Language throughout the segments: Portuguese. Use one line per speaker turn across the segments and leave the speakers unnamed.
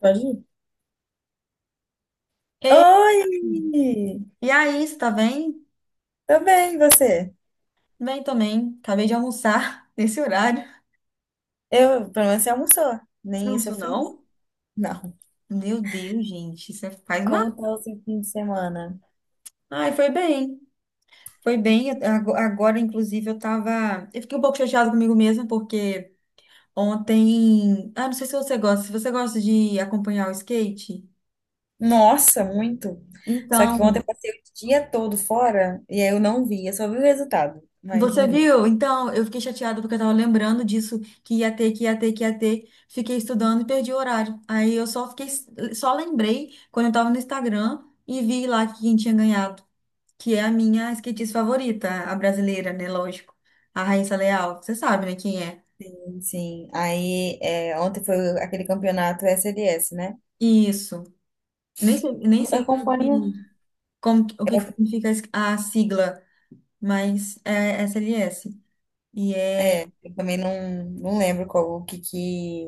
Pode ir.
Ei,
Oi!
e aí, você tá bem?
Tô bem, e você?
Bem também. Acabei de almoçar nesse horário.
Eu, pelo menos você almoçou.
Você não
Nem isso eu
almoçou,
fiz?
não?
Não.
Meu Deus, gente, faz mal.
Como tá o seu fim de semana?
Ai, foi bem. Foi bem. Agora, inclusive, eu tava. Eu fiquei um pouco chateada comigo mesma, porque ontem. Ah, não sei se você gosta. Se você gosta de acompanhar o skate,
Nossa, muito! Só que ontem
então.
eu passei o dia todo fora e aí eu não vi. Eu só vi o resultado, mas
Você
não vi.
viu? Então, eu fiquei chateada porque eu tava lembrando disso, que ia ter, que ia ter, que ia ter. Fiquei estudando e perdi o horário. Aí eu só fiquei, só lembrei quando eu tava no Instagram e vi lá quem tinha ganhado, que é a minha skatista favorita, a brasileira, né? Lógico. A Raíssa Leal. Você sabe, né, quem é?
Sim, aí é, ontem foi aquele campeonato SLS, né?
Isso. Nem sei, nem
Eu
sei o que,
acompanho.
que- o que que significa a sigla, mas é SLS. E é.
É, eu também não lembro qual,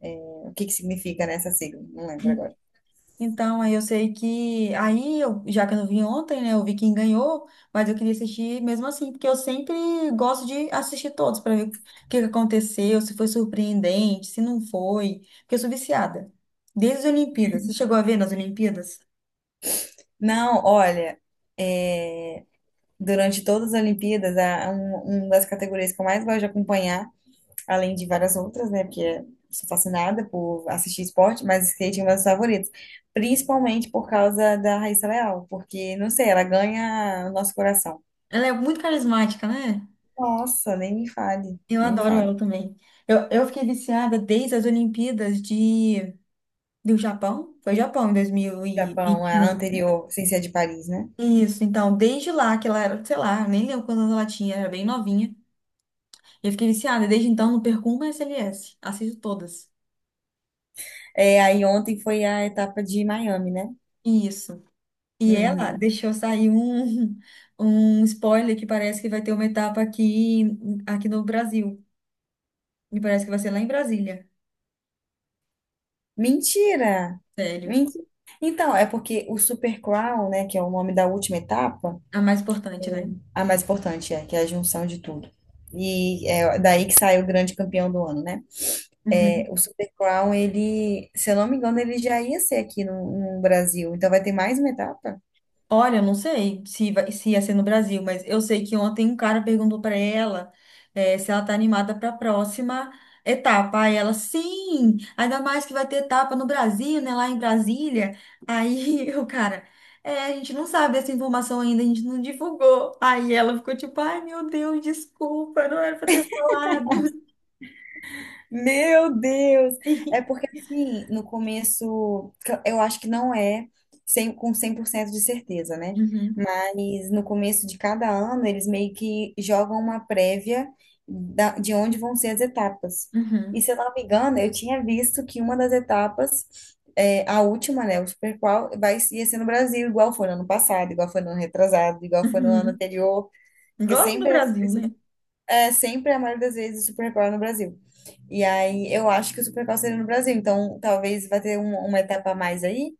é, o que que significa nessa sigla. Não lembro agora.
Então, aí eu sei que. Aí, eu, já que eu não vi ontem, né? Eu vi quem ganhou, mas eu queria assistir mesmo assim, porque eu sempre gosto de assistir todos para ver o que que aconteceu, se foi surpreendente, se não foi. Porque eu sou viciada. Desde as Olimpíadas. Você chegou a ver nas Olimpíadas?
Não, olha, é, durante todas as Olimpíadas, uma das categorias que eu mais gosto de acompanhar, além de várias outras, né? Porque eu sou fascinada por assistir esporte, mas skate é uma das favoritas. Principalmente por causa da Raíssa Leal, porque, não sei, ela ganha o nosso coração.
Ela é muito carismática, né?
Nossa, nem me fale,
Eu
nem me
adoro
fale.
ela também. Eu fiquei viciada desde as Olimpíadas de, do Japão. Foi Japão em
Japão, a
2021.
anterior, sem ser a de Paris, né?
Isso, então, desde lá que ela era, sei lá, nem lembro quantos anos ela tinha, era bem novinha. Eu fiquei viciada, e desde então não perco uma SLS, assisto todas.
É, aí ontem foi a etapa de Miami, né?
Isso. E ela
Uhum.
deixou sair um, um spoiler que parece que vai ter uma etapa aqui no Brasil. E parece que vai ser lá em Brasília.
Mentira!
Sério.
Mentira! Então, é porque o Super Crown, né, que é o nome da última etapa.
A mais importante, né?
A mais importante é, que é a junção de tudo. E é daí que saiu o grande campeão do ano, né? É,
Uhum.
o Super Crown, ele, se eu não me engano, ele já ia ser aqui no Brasil. Então vai ter mais uma etapa?
Olha, eu não sei se ia ser no Brasil, mas eu sei que ontem um cara perguntou para ela, se ela tá animada para a próxima etapa. Aí ela, sim, ainda mais que vai ter etapa no Brasil, né, lá em Brasília. Aí o cara, é, a gente não sabe dessa informação ainda, a gente não divulgou. Aí ela ficou tipo, ai meu Deus, desculpa, não era para ter falado.
Meu Deus! É porque, assim, no começo, que eu acho que não é 100 com 100% de certeza, né?
Uhum,
Mas no começo de cada ano, eles meio que jogam uma prévia de onde vão ser as etapas. E
uhum,
se eu não me engano, eu tinha visto que uma das etapas, é, a última, né, o Super Qual, ia ser no Brasil, igual foi no ano passado, igual foi no ano retrasado, igual foi no ano
uhum.
anterior, porque
Gosto do
sempre é
Brasil, né?
é sempre, a maioria das vezes, o Supercore é no Brasil. E aí eu acho que o Supercore seria no Brasil, então talvez vai ter uma etapa a mais aí,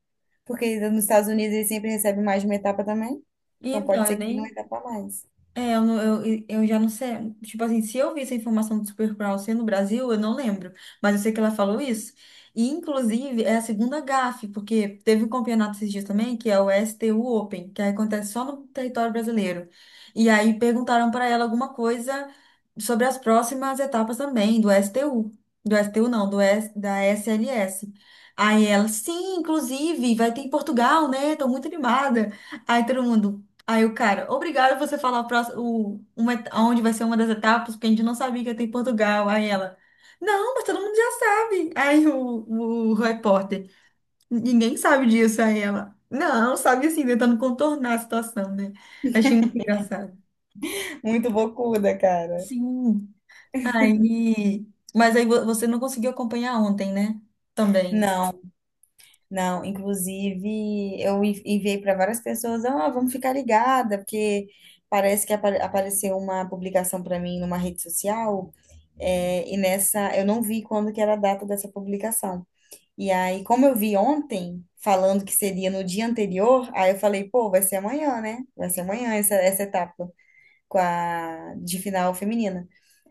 porque nos Estados Unidos eles sempre recebem mais de uma etapa também. Então
Então,
pode
eu
ser que tenha uma
nem.
etapa a mais.
É, eu já não sei. Tipo assim, se eu vi essa informação do Supercrawl ser no Brasil, eu não lembro. Mas eu sei que ela falou isso. E, inclusive, é a segunda gafe, porque teve um campeonato esses dias também, que é o STU Open, que acontece só no território brasileiro. E aí perguntaram para ela alguma coisa sobre as próximas etapas também do STU. Do STU não, da SLS. Aí ela, sim, inclusive, vai ter em Portugal, né? Tô muito animada. Aí todo mundo. Aí o cara, obrigado você falar o próximo, onde vai ser uma das etapas, porque a gente não sabia que ia ter em Portugal. Aí ela, não, mas todo mundo já sabe. Aí o repórter, ninguém sabe disso. Aí ela, não, sabe assim, tentando contornar a situação, né? Achei muito engraçado.
Muito bocuda, cara.
Sim. Aí, mas aí você não conseguiu acompanhar ontem, né? Também.
Não, não. Inclusive, enviei para várias pessoas, ah, vamos ficar ligada, porque parece que apareceu uma publicação para mim numa rede social, é, e nessa eu não vi quando que era a data dessa publicação. E aí, como eu vi ontem, falando que seria no dia anterior, aí eu falei, pô, vai ser amanhã, né? Vai ser amanhã essa etapa com a, de final feminina.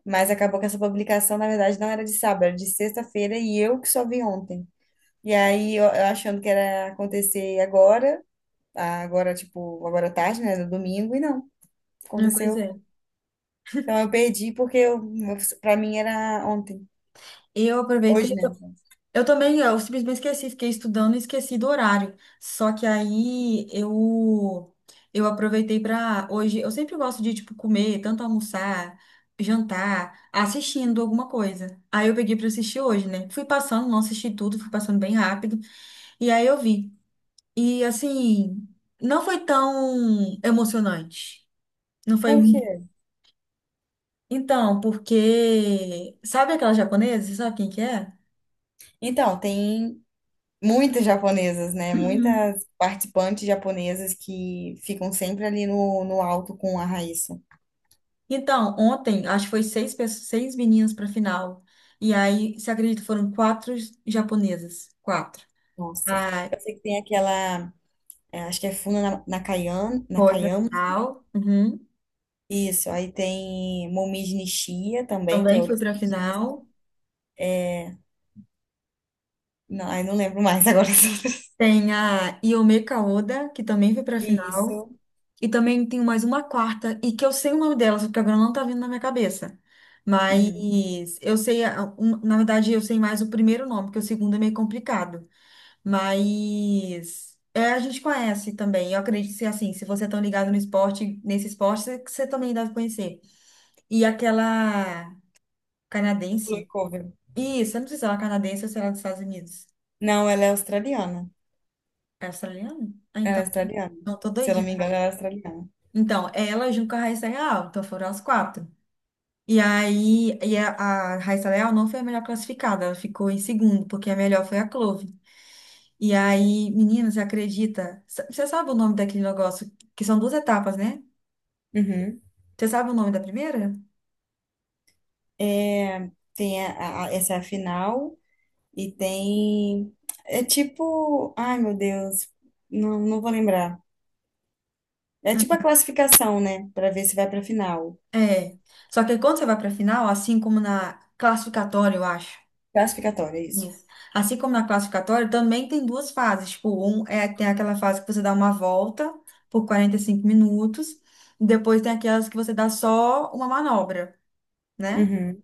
Mas acabou que essa publicação, na verdade, não era de sábado, era de sexta-feira e eu que só vi ontem. E aí, eu achando que era acontecer agora, agora, tipo, agora à tarde, né? No domingo, e não,
Ah, pois
aconteceu.
é.
Então eu perdi porque pra mim era ontem.
Eu aproveitei.
Hoje, né?
Eu também, eu simplesmente esqueci, fiquei estudando e esqueci do horário. Só que aí eu aproveitei para hoje, eu sempre gosto de tipo comer, tanto almoçar, jantar, assistindo alguma coisa. Aí eu peguei para assistir hoje, né? Fui passando, não assisti tudo, fui passando bem rápido e aí eu vi. E assim, não foi tão emocionante. Não foi.
Por quê?
Então, porque sabe aquela japonesa? Você sabe quem que é?
Então, tem. Muitas japonesas, né?
Uhum.
Muitas participantes japonesas que ficam sempre ali no alto com a Raíssa.
Então, ontem, acho que foi seis, pessoas, seis meninas para final. E aí, você acredita, foram quatro japonesas. Quatro.
Nossa,
A
eu sei que tem aquela, é, acho que é Funa Nakayan,
foi para
Nakayama,
final. Uhum.
isso, aí tem Momiji Nishiya também, que é
Também foi
outra
para
skatista.
final.
Não, aí não lembro mais agora as outras.
Tem a Iome Kaoda, que também foi para final.
Isso,
E também tem mais uma quarta, e que eu sei o nome dela, só que agora não tá vindo na minha cabeça.
uhum.
Mas eu sei, na verdade, eu sei mais o primeiro nome, porque o segundo é meio complicado. Mas é, a gente conhece também. Eu acredito que assim, se você é tão ligado no esporte, nesse esporte, você também deve conhecer. E aquela
Blue
canadense.
Cover.
Isso, eu não sei se ela é canadense ou se ela é dos Estados Unidos.
Não,
É australiana? Ah,
ela é
então,
australiana,
não, tô
se eu não
doidinha
me
na
engano,
cabeça.
ela é australiana.
Então, ela junto com a Raíssa Leal, então foram as quatro. E aí, e a Raíssa Leal não foi a melhor classificada, ela ficou em segundo, porque a melhor foi a Clove. E aí, menina, você acredita? Você sabe o nome daquele negócio? Que são duas etapas, né?
Uhum.
Você sabe o nome da primeira?
É, tem essa é a final. E tem. É tipo. Ai, meu Deus. Não, não vou lembrar. É tipo a classificação, né? Pra ver se vai pra final.
É. Só que quando você vai para a final, assim como na classificatória, eu acho.
Classificatória, é isso.
Isso. Assim como na classificatória, também tem duas fases. Tipo, um é tem aquela fase que você dá uma volta por 45 minutos, e depois tem aquelas que você dá só uma manobra, né?
Uhum,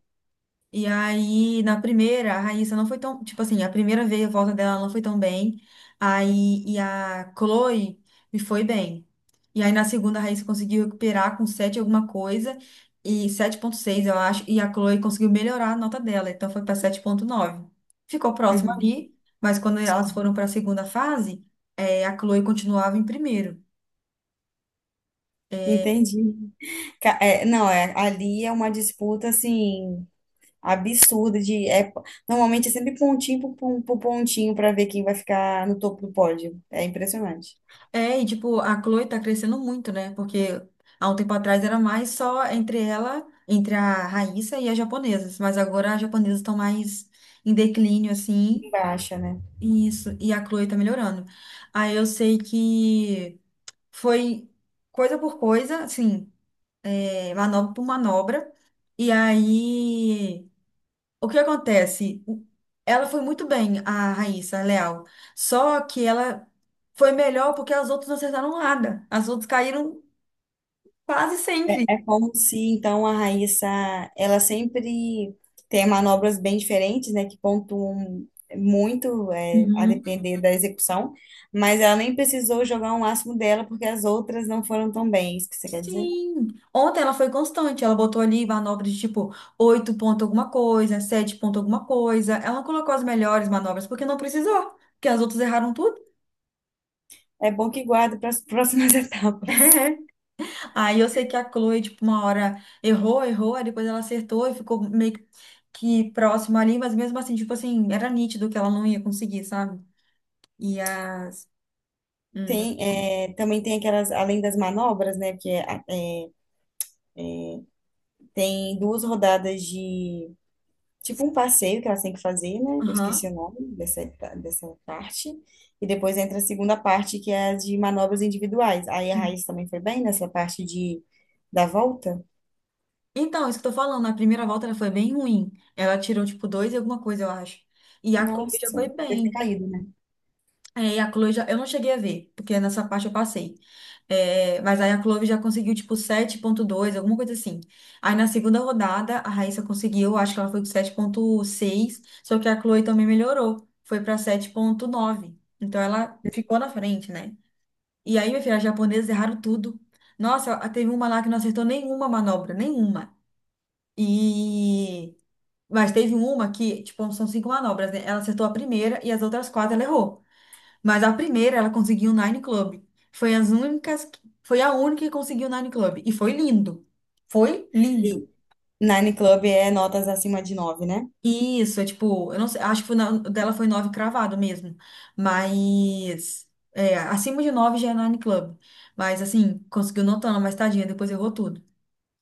E aí, na primeira, a Raíssa não foi tão. Tipo assim, a primeira vez, a volta dela não foi tão bem. Aí, e a Chloe me foi bem. E aí, na segunda, a Raíssa conseguiu recuperar com 7 alguma coisa, e 7.6 eu acho. E a Chloe conseguiu melhorar a nota dela, então foi para 7.9. Ficou próximo
uhum.
ali, mas quando elas foram para a segunda fase, a Chloe continuava em primeiro.
Entendi. Não, é, ali é uma disputa, assim, absurda de. É, normalmente é sempre por pontinho para ver quem vai ficar no topo do pódio. É impressionante.
É, e tipo, a Chloe tá crescendo muito, né? Porque há um tempo atrás era mais só entre ela, entre a Raíssa e as japonesas. Mas agora as japonesas estão mais em declínio,
Em
assim.
baixa, né?
E isso. E a Chloe tá melhorando. Aí eu sei que foi coisa por coisa, assim, é, manobra por manobra. E aí, o que acontece? Ela foi muito bem, a Raíssa, a Leal. Só que ela foi melhor porque as outras não acertaram nada. As outras caíram quase sempre.
É, é como se, então, a Raíssa, ela sempre tem manobras bem diferentes, né, que pontuam muito, é, a
Uhum.
depender da execução, mas ela nem precisou jogar um máximo dela, porque as outras não foram tão bem, é isso que você quer dizer?
Sim. Ontem ela foi constante, ela botou ali manobras de tipo 8 ponto alguma coisa, 7 ponto alguma coisa. Ela não colocou as melhores manobras porque não precisou, porque as outras erraram tudo.
É bom que guarda para as próximas etapas.
Aí eu sei que a Chloe, tipo, uma hora errou, errou, aí depois ela acertou e ficou meio que próxima ali, mas mesmo assim, tipo assim, era nítido que ela não ia conseguir, sabe? E as. Pode-
Tem, é, também tem aquelas, além das manobras, né, porque é, tem duas rodadas de tipo um passeio que elas têm que fazer, né? Eu
Aham.
esqueci o nome dessa, dessa parte. E depois entra a segunda parte, que é a de manobras individuais. Aí a Raíssa também foi bem nessa parte de da volta.
Então, isso que eu tô falando, na primeira volta ela foi bem ruim. Ela tirou, tipo, dois e alguma coisa, eu acho. E a Chloe já
Nossa,
foi
deve ter
bem.
caído, né?
É, e a Chloe já. Eu não cheguei a ver, porque nessa parte eu passei. É, mas aí a Chloe já conseguiu, tipo, 7.2, alguma coisa assim. Aí na segunda rodada, a Raíssa conseguiu, acho que ela foi com 7.6, só que a Chloe também melhorou. Foi pra 7.9. Então ela ficou na frente, né? E aí, minha filha, as japonesas erraram tudo. Nossa, teve uma lá que não acertou nenhuma manobra, nenhuma. E mas teve uma que, tipo, são cinco manobras, né? Ela acertou a primeira e as outras quatro ela errou. Mas a primeira ela conseguiu o Nine Club. Foi as únicas, foi a única que conseguiu o Nine Club. E foi lindo. Foi lindo.
E Nine Club é notas acima de nove, né?
E isso, é tipo, eu não sei, acho que foi dela foi nove cravado mesmo. Mas é, acima de nove já é Nine Club. Mas assim, conseguiu notando, mas tadinha, depois errou tudo.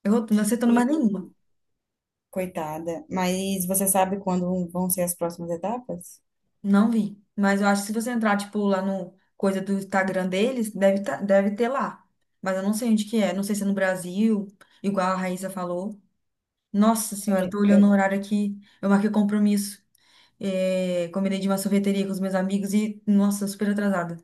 Errou tudo, não acertando
E,
mais nenhuma.
coitada. Mas você sabe quando vão ser as próximas etapas?
Não vi. Mas eu acho que se você entrar, tipo, lá no coisa do Instagram deles, deve, tá, deve ter lá. Mas eu não sei onde que é. Não sei se é no Brasil, igual a Raíssa falou. Nossa senhora, eu
É.
tô olhando o
é-
horário aqui. Eu marquei compromisso. É, combinei de uma sorveteria com os meus amigos e, nossa, super atrasada.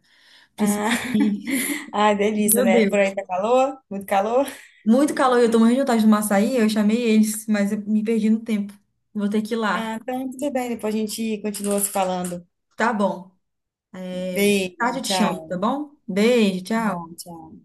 Ah,
Preciso ir.
ah, delícia,
Meu
né? Por
Deus.
aí tá calor? Muito calor?
Muito calor, e eu tô morrendo de vontade de tomar açaí. Eu chamei eles, mas eu me perdi no tempo. Vou ter que ir lá.
Ah, então tudo bem, depois a gente continua se falando.
Tá bom. É,
Beijo,
tarde eu te chamo,
tchau.
tá bom? Beijo,
Tá
tchau.
bom, tchau.